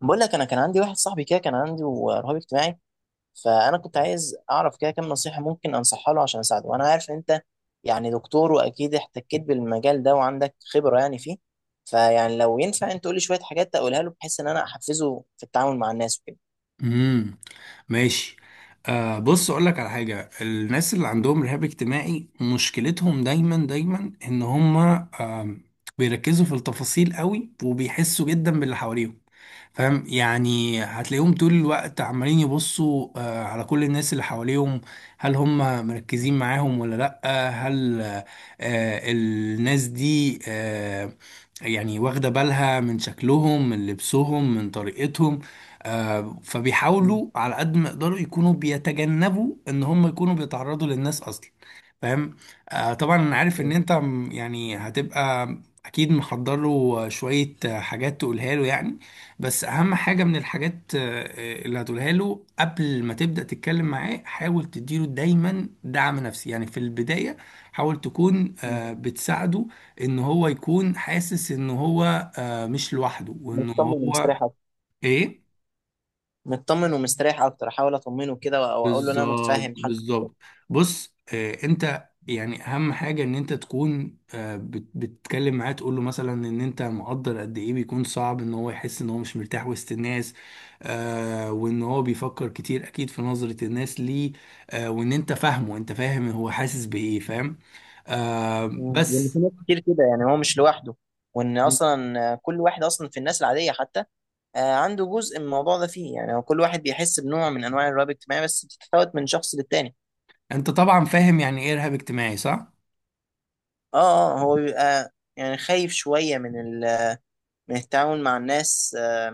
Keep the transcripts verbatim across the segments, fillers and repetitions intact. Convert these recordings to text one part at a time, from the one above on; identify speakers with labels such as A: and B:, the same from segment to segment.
A: بقول لك انا كان عندي واحد صاحبي كده كان عنده رهاب اجتماعي. فانا كنت عايز اعرف كده كام نصيحه ممكن انصحها له عشان اساعده، وانا عارف ان انت يعني دكتور، واكيد احتكيت بالمجال ده وعندك خبره يعني فيه. فيعني لو ينفع انت تقول لي شويه حاجات اقولها له بحيث ان انا احفزه في التعامل مع الناس وكده.
B: امم ماشي. آه بص، اقول لك على حاجه. الناس اللي عندهم رهاب اجتماعي مشكلتهم دايما دايما ان هم آه بيركزوا في التفاصيل قوي، وبيحسوا جدا باللي حواليهم. فاهم؟ يعني هتلاقيهم طول الوقت عمالين يبصوا آه، على كل الناس اللي حواليهم. هل هم مركزين معاهم ولا لأ؟ هل آه، آه، الناس دي آه، يعني واخدة بالها من شكلهم، من لبسهم، من طريقتهم. آه،
A: مم.
B: فبيحاولوا على قد ما يقدروا يكونوا بيتجنبوا ان هم يكونوا بيتعرضوا للناس اصلا. فاهم؟ آه، طبعا انا عارف ان
A: مم.
B: انت م- يعني هتبقى اكيد محضر له شوية آه، حاجات تقولها له يعني. بس اهم حاجه من الحاجات آه، آه، اللي هتقولها له قبل ما تبدا تتكلم معاه، حاول تديله دايما دعم نفسي يعني في البدايه. حاول تكون
A: مم.
B: آه، بتساعده ان هو يكون حاسس ان هو آه، مش لوحده، وان
A: مطمن
B: هو
A: ومستريح اكتر.
B: ايه.
A: مطمن ومستريح اكتر، احاول اطمنه كده وأ- واقول له ان انا
B: بالظبط،
A: متفاهم حالته.
B: بالظبط. بص، آه انت يعني اهم حاجه ان انت تكون آه بت- بتتكلم معاه، تقول له مثلا ان انت مقدر قد ايه بيكون صعب ان هو يحس ان هو مش مرتاح وسط الناس. آه وان هو بيفكر كتير اكيد في نظره الناس ليه. آه وان انت فاهمه، انت فاهم هو حاسس بايه. فاهم؟ آه
A: مم. لان في
B: بس.
A: ناس كتير كده يعني هو مش لوحده، وان اصلا كل واحد اصلا في الناس العاديه حتى آه، عنده جزء من الموضوع ده فيه، يعني هو كل واحد بيحس بنوع من انواع الرهاب الاجتماعي، بس بتتفاوت من شخص للتاني.
B: انت طبعا فاهم يعني ايه ارهاب اجتماعي، صح؟
A: اه اه، هو بيبقى يعني خايف شوية من ال... من التعامل مع الناس. آه،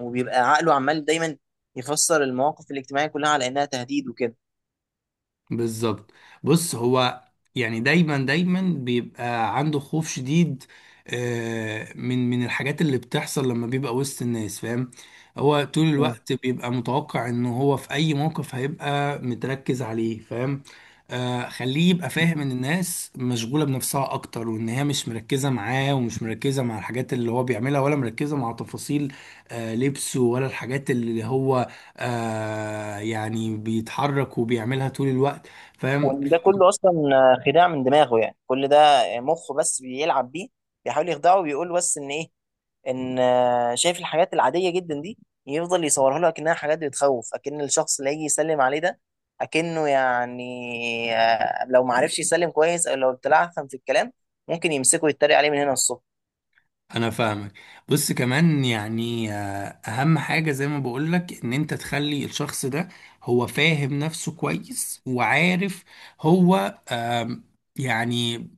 A: وبيبقى عقله عمال دايما يفسر المواقف الاجتماعية كلها على انها تهديد وكده.
B: بالظبط. بص، هو يعني دايما دايما بيبقى عنده خوف شديد آه، من من الحاجات اللي بتحصل لما بيبقى وسط الناس. فاهم؟ هو طول
A: مم.
B: الوقت بيبقى متوقع ان هو في اي موقف هيبقى متركز عليه. فاهم؟ آه، خليه يبقى فاهم ان الناس مشغولة بنفسها اكتر، وان هي مش مركزة معاه، ومش مركزة مع الحاجات اللي هو بيعملها، ولا مركزة مع تفاصيل آه، لبسه، ولا الحاجات اللي هو آه، يعني بيتحرك وبيعملها طول الوقت. فاهم؟
A: وان ده كله اصلا آه، خداع من دماغه، يعني كل ده آه، مخه بس بيلعب بيه، بيحاول يخدعه وبيقول بس ان ايه، ان آه، شايف الحاجات العاديه جدا دي، يفضل يصورها له اكنها حاجات بتخوف، اكن الشخص اللي هيجي يسلم عليه ده اكنه يعني آه، لو ما عرفش يسلم كويس او لو اتلعثم في الكلام ممكن يمسكه يتريق عليه من هنا الصبح.
B: انا فاهمك. بص، كمان يعني آه، اهم حاجة زي ما بقولك ان انت تخلي الشخص ده هو فاهم نفسه كويس وعارف هو آم، يعني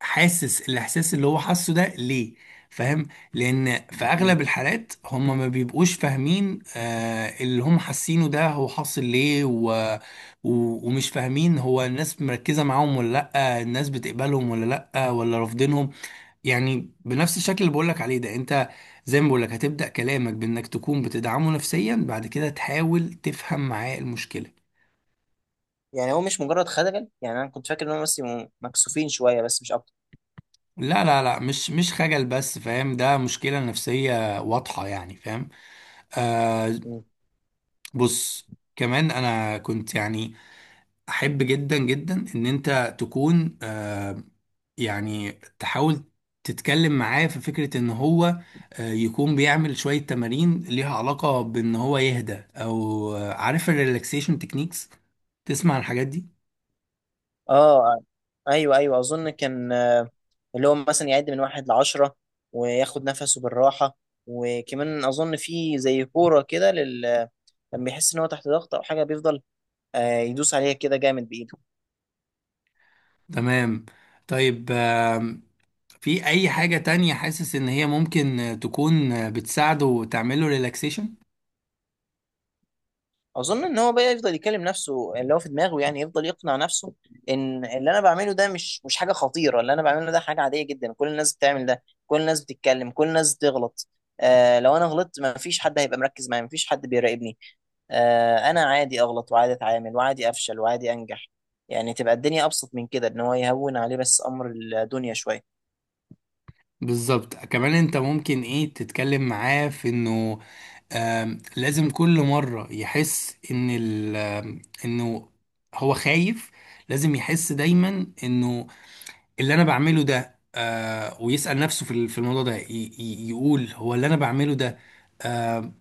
B: حاسس الاحساس اللي هو حاسه ده ليه. فاهم؟ لان في
A: مم.
B: اغلب الحالات هم ما بيبقوش فاهمين آه، اللي هم حاسينه ده هو حاصل ليه و... و... ومش فاهمين هو الناس مركزة معاهم ولا لأ، الناس بتقبلهم ولا لأ ولا رافضينهم. يعني بنفس الشكل اللي بقولك عليه ده انت، زي ما بقولك هتبدأ كلامك بانك تكون بتدعمه نفسيا، بعد كده تحاول تفهم معاه المشكلة.
A: يعني هو مش مجرد خجل، يعني انا كنت فاكر ان هم بس يبقوا مكسوفين شويه بس مش اكتر.
B: لا، لا، لا، مش مش خجل بس، فاهم؟ ده مشكلة نفسية واضحة يعني. فاهم؟ آه
A: مم.
B: بص، كمان انا كنت يعني احب جدا جدا ان انت تكون آه، يعني تحاول تتكلم معاه في فكرة ان هو آه، يكون بيعمل شوية تمارين ليها علاقة بان هو يهدى، او آه، عارف الريلاكسيشن تكنيكس، تسمع عن الحاجات دي؟
A: اه، ايوه ايوه، اظن كان آه، اللي هو مثلا يعد من واحد لعشرة وياخد نفسه بالراحة. وكمان أظن في زي كورة كده، لما بيحس ان هو تحت ضغط او حاجه بيفضل آه، يدوس عليها كده جامد بايده.
B: تمام. طيب، آم، في اي حاجة تانية حاسس ان هي ممكن آه، تكون آه، بتساعده تعمله ريلاكسيشن؟
A: اظن ان هو بقى يفضل يكلم نفسه اللي هو في دماغه، يعني يفضل يقنع نفسه ان اللي انا بعمله ده مش مش حاجه خطيره، اللي انا بعمله ده حاجه عاديه جدا، كل الناس بتعمل ده، كل الناس بتتكلم، كل الناس بتغلط. آه لو انا غلطت ما فيش حد هيبقى مركز معايا، ما فيش حد بيراقبني. آه انا عادي اغلط وعادي اتعامل وعادي افشل وعادي انجح، يعني تبقى الدنيا ابسط من كده، ان هو يهون عليه بس امر الدنيا شويه.
B: بالظبط. كمان انت ممكن ايه، تتكلم معاه في انه آم، لازم كل مرة يحس ان ال آم، انه هو خايف. لازم يحس دايما انه اللي انا بعمله ده آه، ويسأل نفسه في ال- في الموضوع ده، ي- ي- يقول هو اللي انا بعمله ده آه،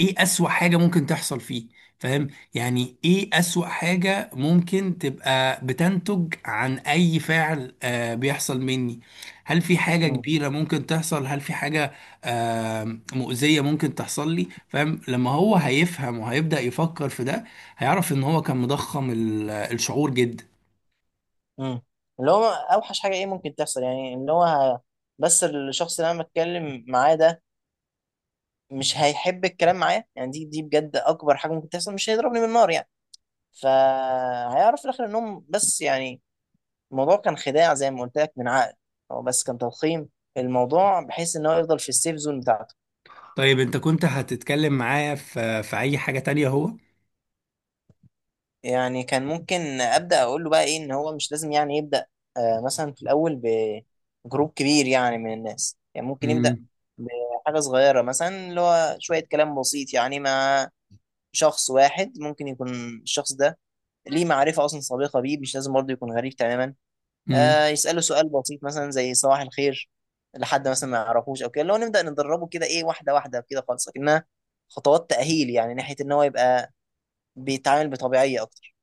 B: ايه اسوأ حاجة ممكن تحصل فيه. فاهم؟ يعني ايه اسوأ حاجة ممكن تبقى بتنتج عن اي فعل آه بيحصل مني. هل في حاجة
A: مم.
B: كبيرة ممكن تحصل؟ هل في حاجة آه مؤذية ممكن تحصل لي؟ فاهم؟ لما هو هيفهم وهيبدأ يفكر في ده هيعرف ان هو كان مضخم ال- الشعور جدا.
A: امم اللي هو اوحش حاجه ايه ممكن تحصل، يعني ان هو ه- بس الشخص اللي انا بتكلم معاه ده مش هيحب الكلام معايا، يعني دي دي بجد اكبر حاجه ممكن تحصل، مش هيضربني بالنار يعني. فهيعرف في الاخر انهم بس يعني الموضوع كان خداع زي ما قلت لك من عقل، هو بس كان تضخيم الموضوع بحيث ان هو يفضل في السيف زون بتاعته.
B: طيب، انت كنت هتتكلم معايا في في اي حاجة تانية هو؟
A: يعني كان ممكن ابدا اقول له بقى ايه، ان هو مش لازم يعني يبدا آه مثلا في الاول بجروب كبير يعني من الناس، يعني ممكن يبدا بحاجه صغيره، مثلا اللي هو شويه كلام بسيط يعني مع شخص واحد، ممكن يكون الشخص ده ليه معرفه اصلا سابقه بيه، مش لازم برضه يكون غريب تماما.
B: امم
A: آه يساله سؤال بسيط مثلا زي صباح الخير لحد مثلا ما يعرفوش او كده، اللي هو نبدا ندربه كده، ايه، واحده واحده كده خالص، لكنها خطوات تاهيل يعني ناحيه ان هو يبقى بيتعامل بطبيعيه اكتر.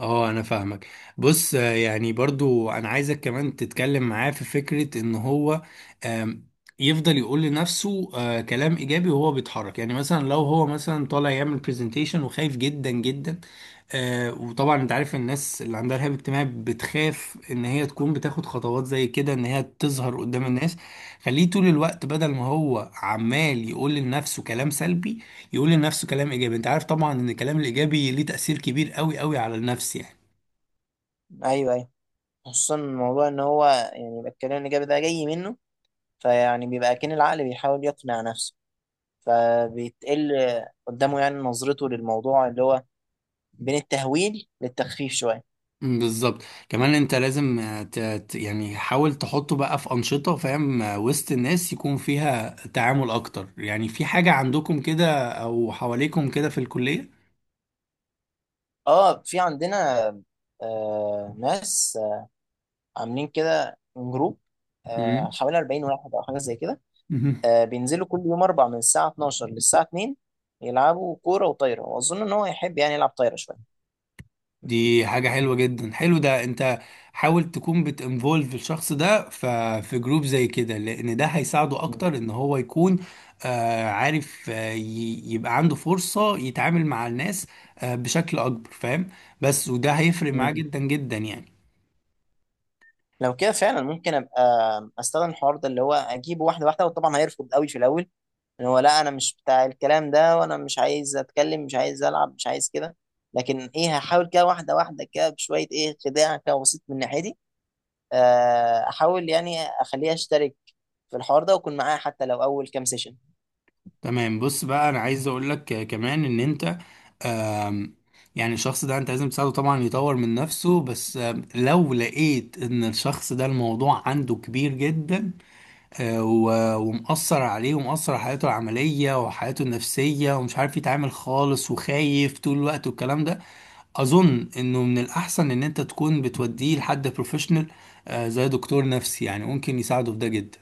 B: اه، انا فاهمك. بص آه، يعني برضو انا عايزك كمان تتكلم معاه في فكرة ان هو آم، يفضل يقول لنفسه آه، كلام ايجابي وهو بيتحرك. يعني مثلا لو هو مثلا طالع يعمل برزنتيشن وخايف جدا جدا، آه، وطبعا انت عارف الناس اللي عندها رهاب اجتماعي بتخاف ان هي تكون بتاخد خطوات زي كده ان هي تظهر قدام
A: مم.
B: الناس. خليه طول الوقت بدل ما هو عمال يقول لنفسه كلام سلبي، يقول لنفسه كلام ايجابي. انت عارف طبعا ان الكلام الايجابي ليه تأثير كبير قوي قوي على النفس يعني.
A: ايوه ايوه، خصوصا الموضوع ان هو يعني يبقى الكلام الايجابي ده جاي منه، فيعني بيبقى كأن العقل بيحاول يقنع نفسه، فبيتقل قدامه يعني نظرته للموضوع اللي هو بين التهويل للتخفيف شويه.
B: مم، بالظبط. كمان انت لازم آه، ت- ت- يعني حاول تحطه بقى في انشطه. فاهم؟ آه، وسط الناس يكون فيها تعامل اكتر. يعني في حاجه عندكم كده او حواليكم كده في الكليه؟
A: اه، في عندنا آه ناس آه عاملين كده جروب، آه
B: مم.
A: حوالي اربعين واحد او حاجه زي كده. آه بينزلوا كل يوم اربع من الساعه اتناشر للساعه اتنين، يلعبوا كوره وطايره، واظن ان هو يحب يعني يلعب طايره شويه.
B: دي حاجة حلوة جدا. حلو، ده انت حاول تكون بتinvolve الشخص ده ف- في جروب زي كده، لان ده هيساعده اكتر ان هو يكون آه، عارف آه، ي- يبقى عنده فرصة يتعامل مع الناس آه، بشكل اكبر. فاهم؟ بس وده هيفرق معاه
A: مم.
B: جدا جدا يعني.
A: لو كده فعلا ممكن ابقى استخدم الحوار ده اللي هو اجيبه واحده واحده، وطبعا هيرفض قوي في الاول، ان هو لا، انا مش بتاع الكلام ده، وانا مش عايز اتكلم، مش عايز العب، مش عايز كده. لكن ايه، هحاول كده واحده واحده كده بشويه ايه، خداع كده بسيط من ناحيتي، آه، احاول يعني اخليه يشترك في الحوار ده واكون معاه حتى لو اول كام سيشن.
B: تمام. بص بقى، انا عايز اقول لك آه، كمان ان انت آم، يعني الشخص ده انت لازم تساعده طبعا يطور من نفسه، بس آم، لو لقيت ان الشخص ده الموضوع عنده كبير جدا آه، و- ومأثر عليه ومأثر على حياته العملية وحياته النفسية، ومش عارف يتعامل خالص وخايف طول الوقت والكلام ده، أظن إنه من الأحسن إن أنت تكون بتوديه لحد بروفيشنال زي دكتور نفسي. يعني ممكن يساعده في ده جدا.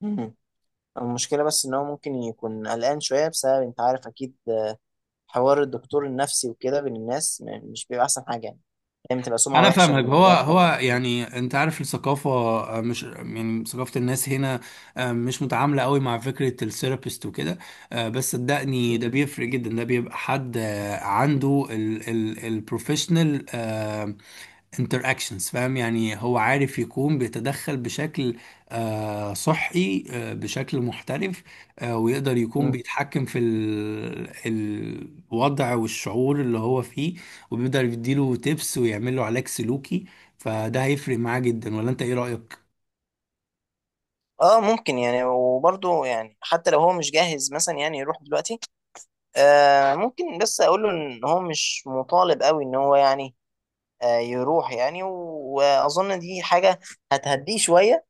A: مم. المشكله بس ان هو ممكن يكون قلقان شويه بسبب، انت عارف اكيد، آه، حوار الدكتور النفسي وكده بين الناس م- مش بيبقى احسن حاجه يعني، دايما تبقى سمعه
B: أنا
A: وحشه
B: فاهمك.
A: ان
B: هو
A: ده بتاع.
B: هو يعني أنت عارف الثقافة آه، مش يعني ثقافة الناس هنا آه، مش متعاملة قوي مع فكرة الثيرابيست وكده. آه، بس صدقني ده بيفرق جدا. ده بيبقى حد آه، عنده البروفيشنال interactions. فاهم؟ يعني هو عارف يكون بيتدخل بشكل آه، صحي، آه، بشكل محترف. آه، ويقدر يكون
A: مم.
B: بيتحكم في ال- الوضع والشعور اللي هو فيه. وبيقدر يديله تيبس ويعمل له علاج سلوكي، فده هيفرق معاه جدا. ولا انت ايه رأيك؟
A: اه، ممكن يعني، وبرضه يعني حتى لو هو مش جاهز مثلا يعني يروح دلوقتي، آه ممكن بس اقول له ان هو مش مطالب قوي ان هو يعني آه يروح يعني و- واظن دي حاجه هتهديه شويه،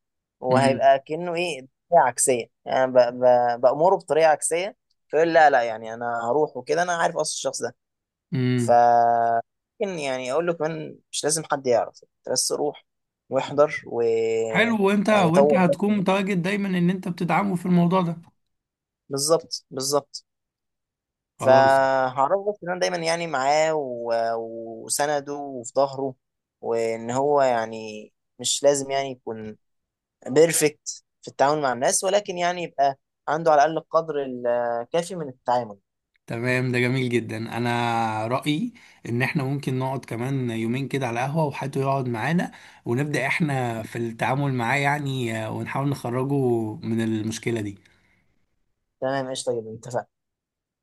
B: امم
A: وهيبقى كانه ايه بطريقه عكسيه، يعني ب- ب- بامره بطريقه عكسيه، فيقول لا لا، يعني انا هروح وكده، انا عارف اصل الشخص ده. ف
B: امم
A: ممكن يعني اقول له كمان مش لازم حد يعرف، أنت بس روح واحضر و
B: حلو. وانت
A: يعني
B: وانت
A: طور بس.
B: هتكون متواجد دايما ان انت بتدعمه في الموضوع ده.
A: بالظبط بالظبط.
B: خلاص،
A: فهعرفه بس ان انا دايما يعني معاه و- وسنده وفي ظهره، وان هو يعني مش لازم يعني يكون بيرفكت في التعامل مع الناس، ولكن يعني يبقى عنده على الاقل القدر الكافي من التعامل.
B: تمام. ده جميل جدا. انا رأيي ان احنا ممكن نقعد كمان يومين كده على قهوة، وحد يقعد معانا ونبدأ احنا في التعامل معاه. يعني آه، ونحاول نخرجه من المشكلة دي.
A: تمام، قشطه جدا، اتفقنا.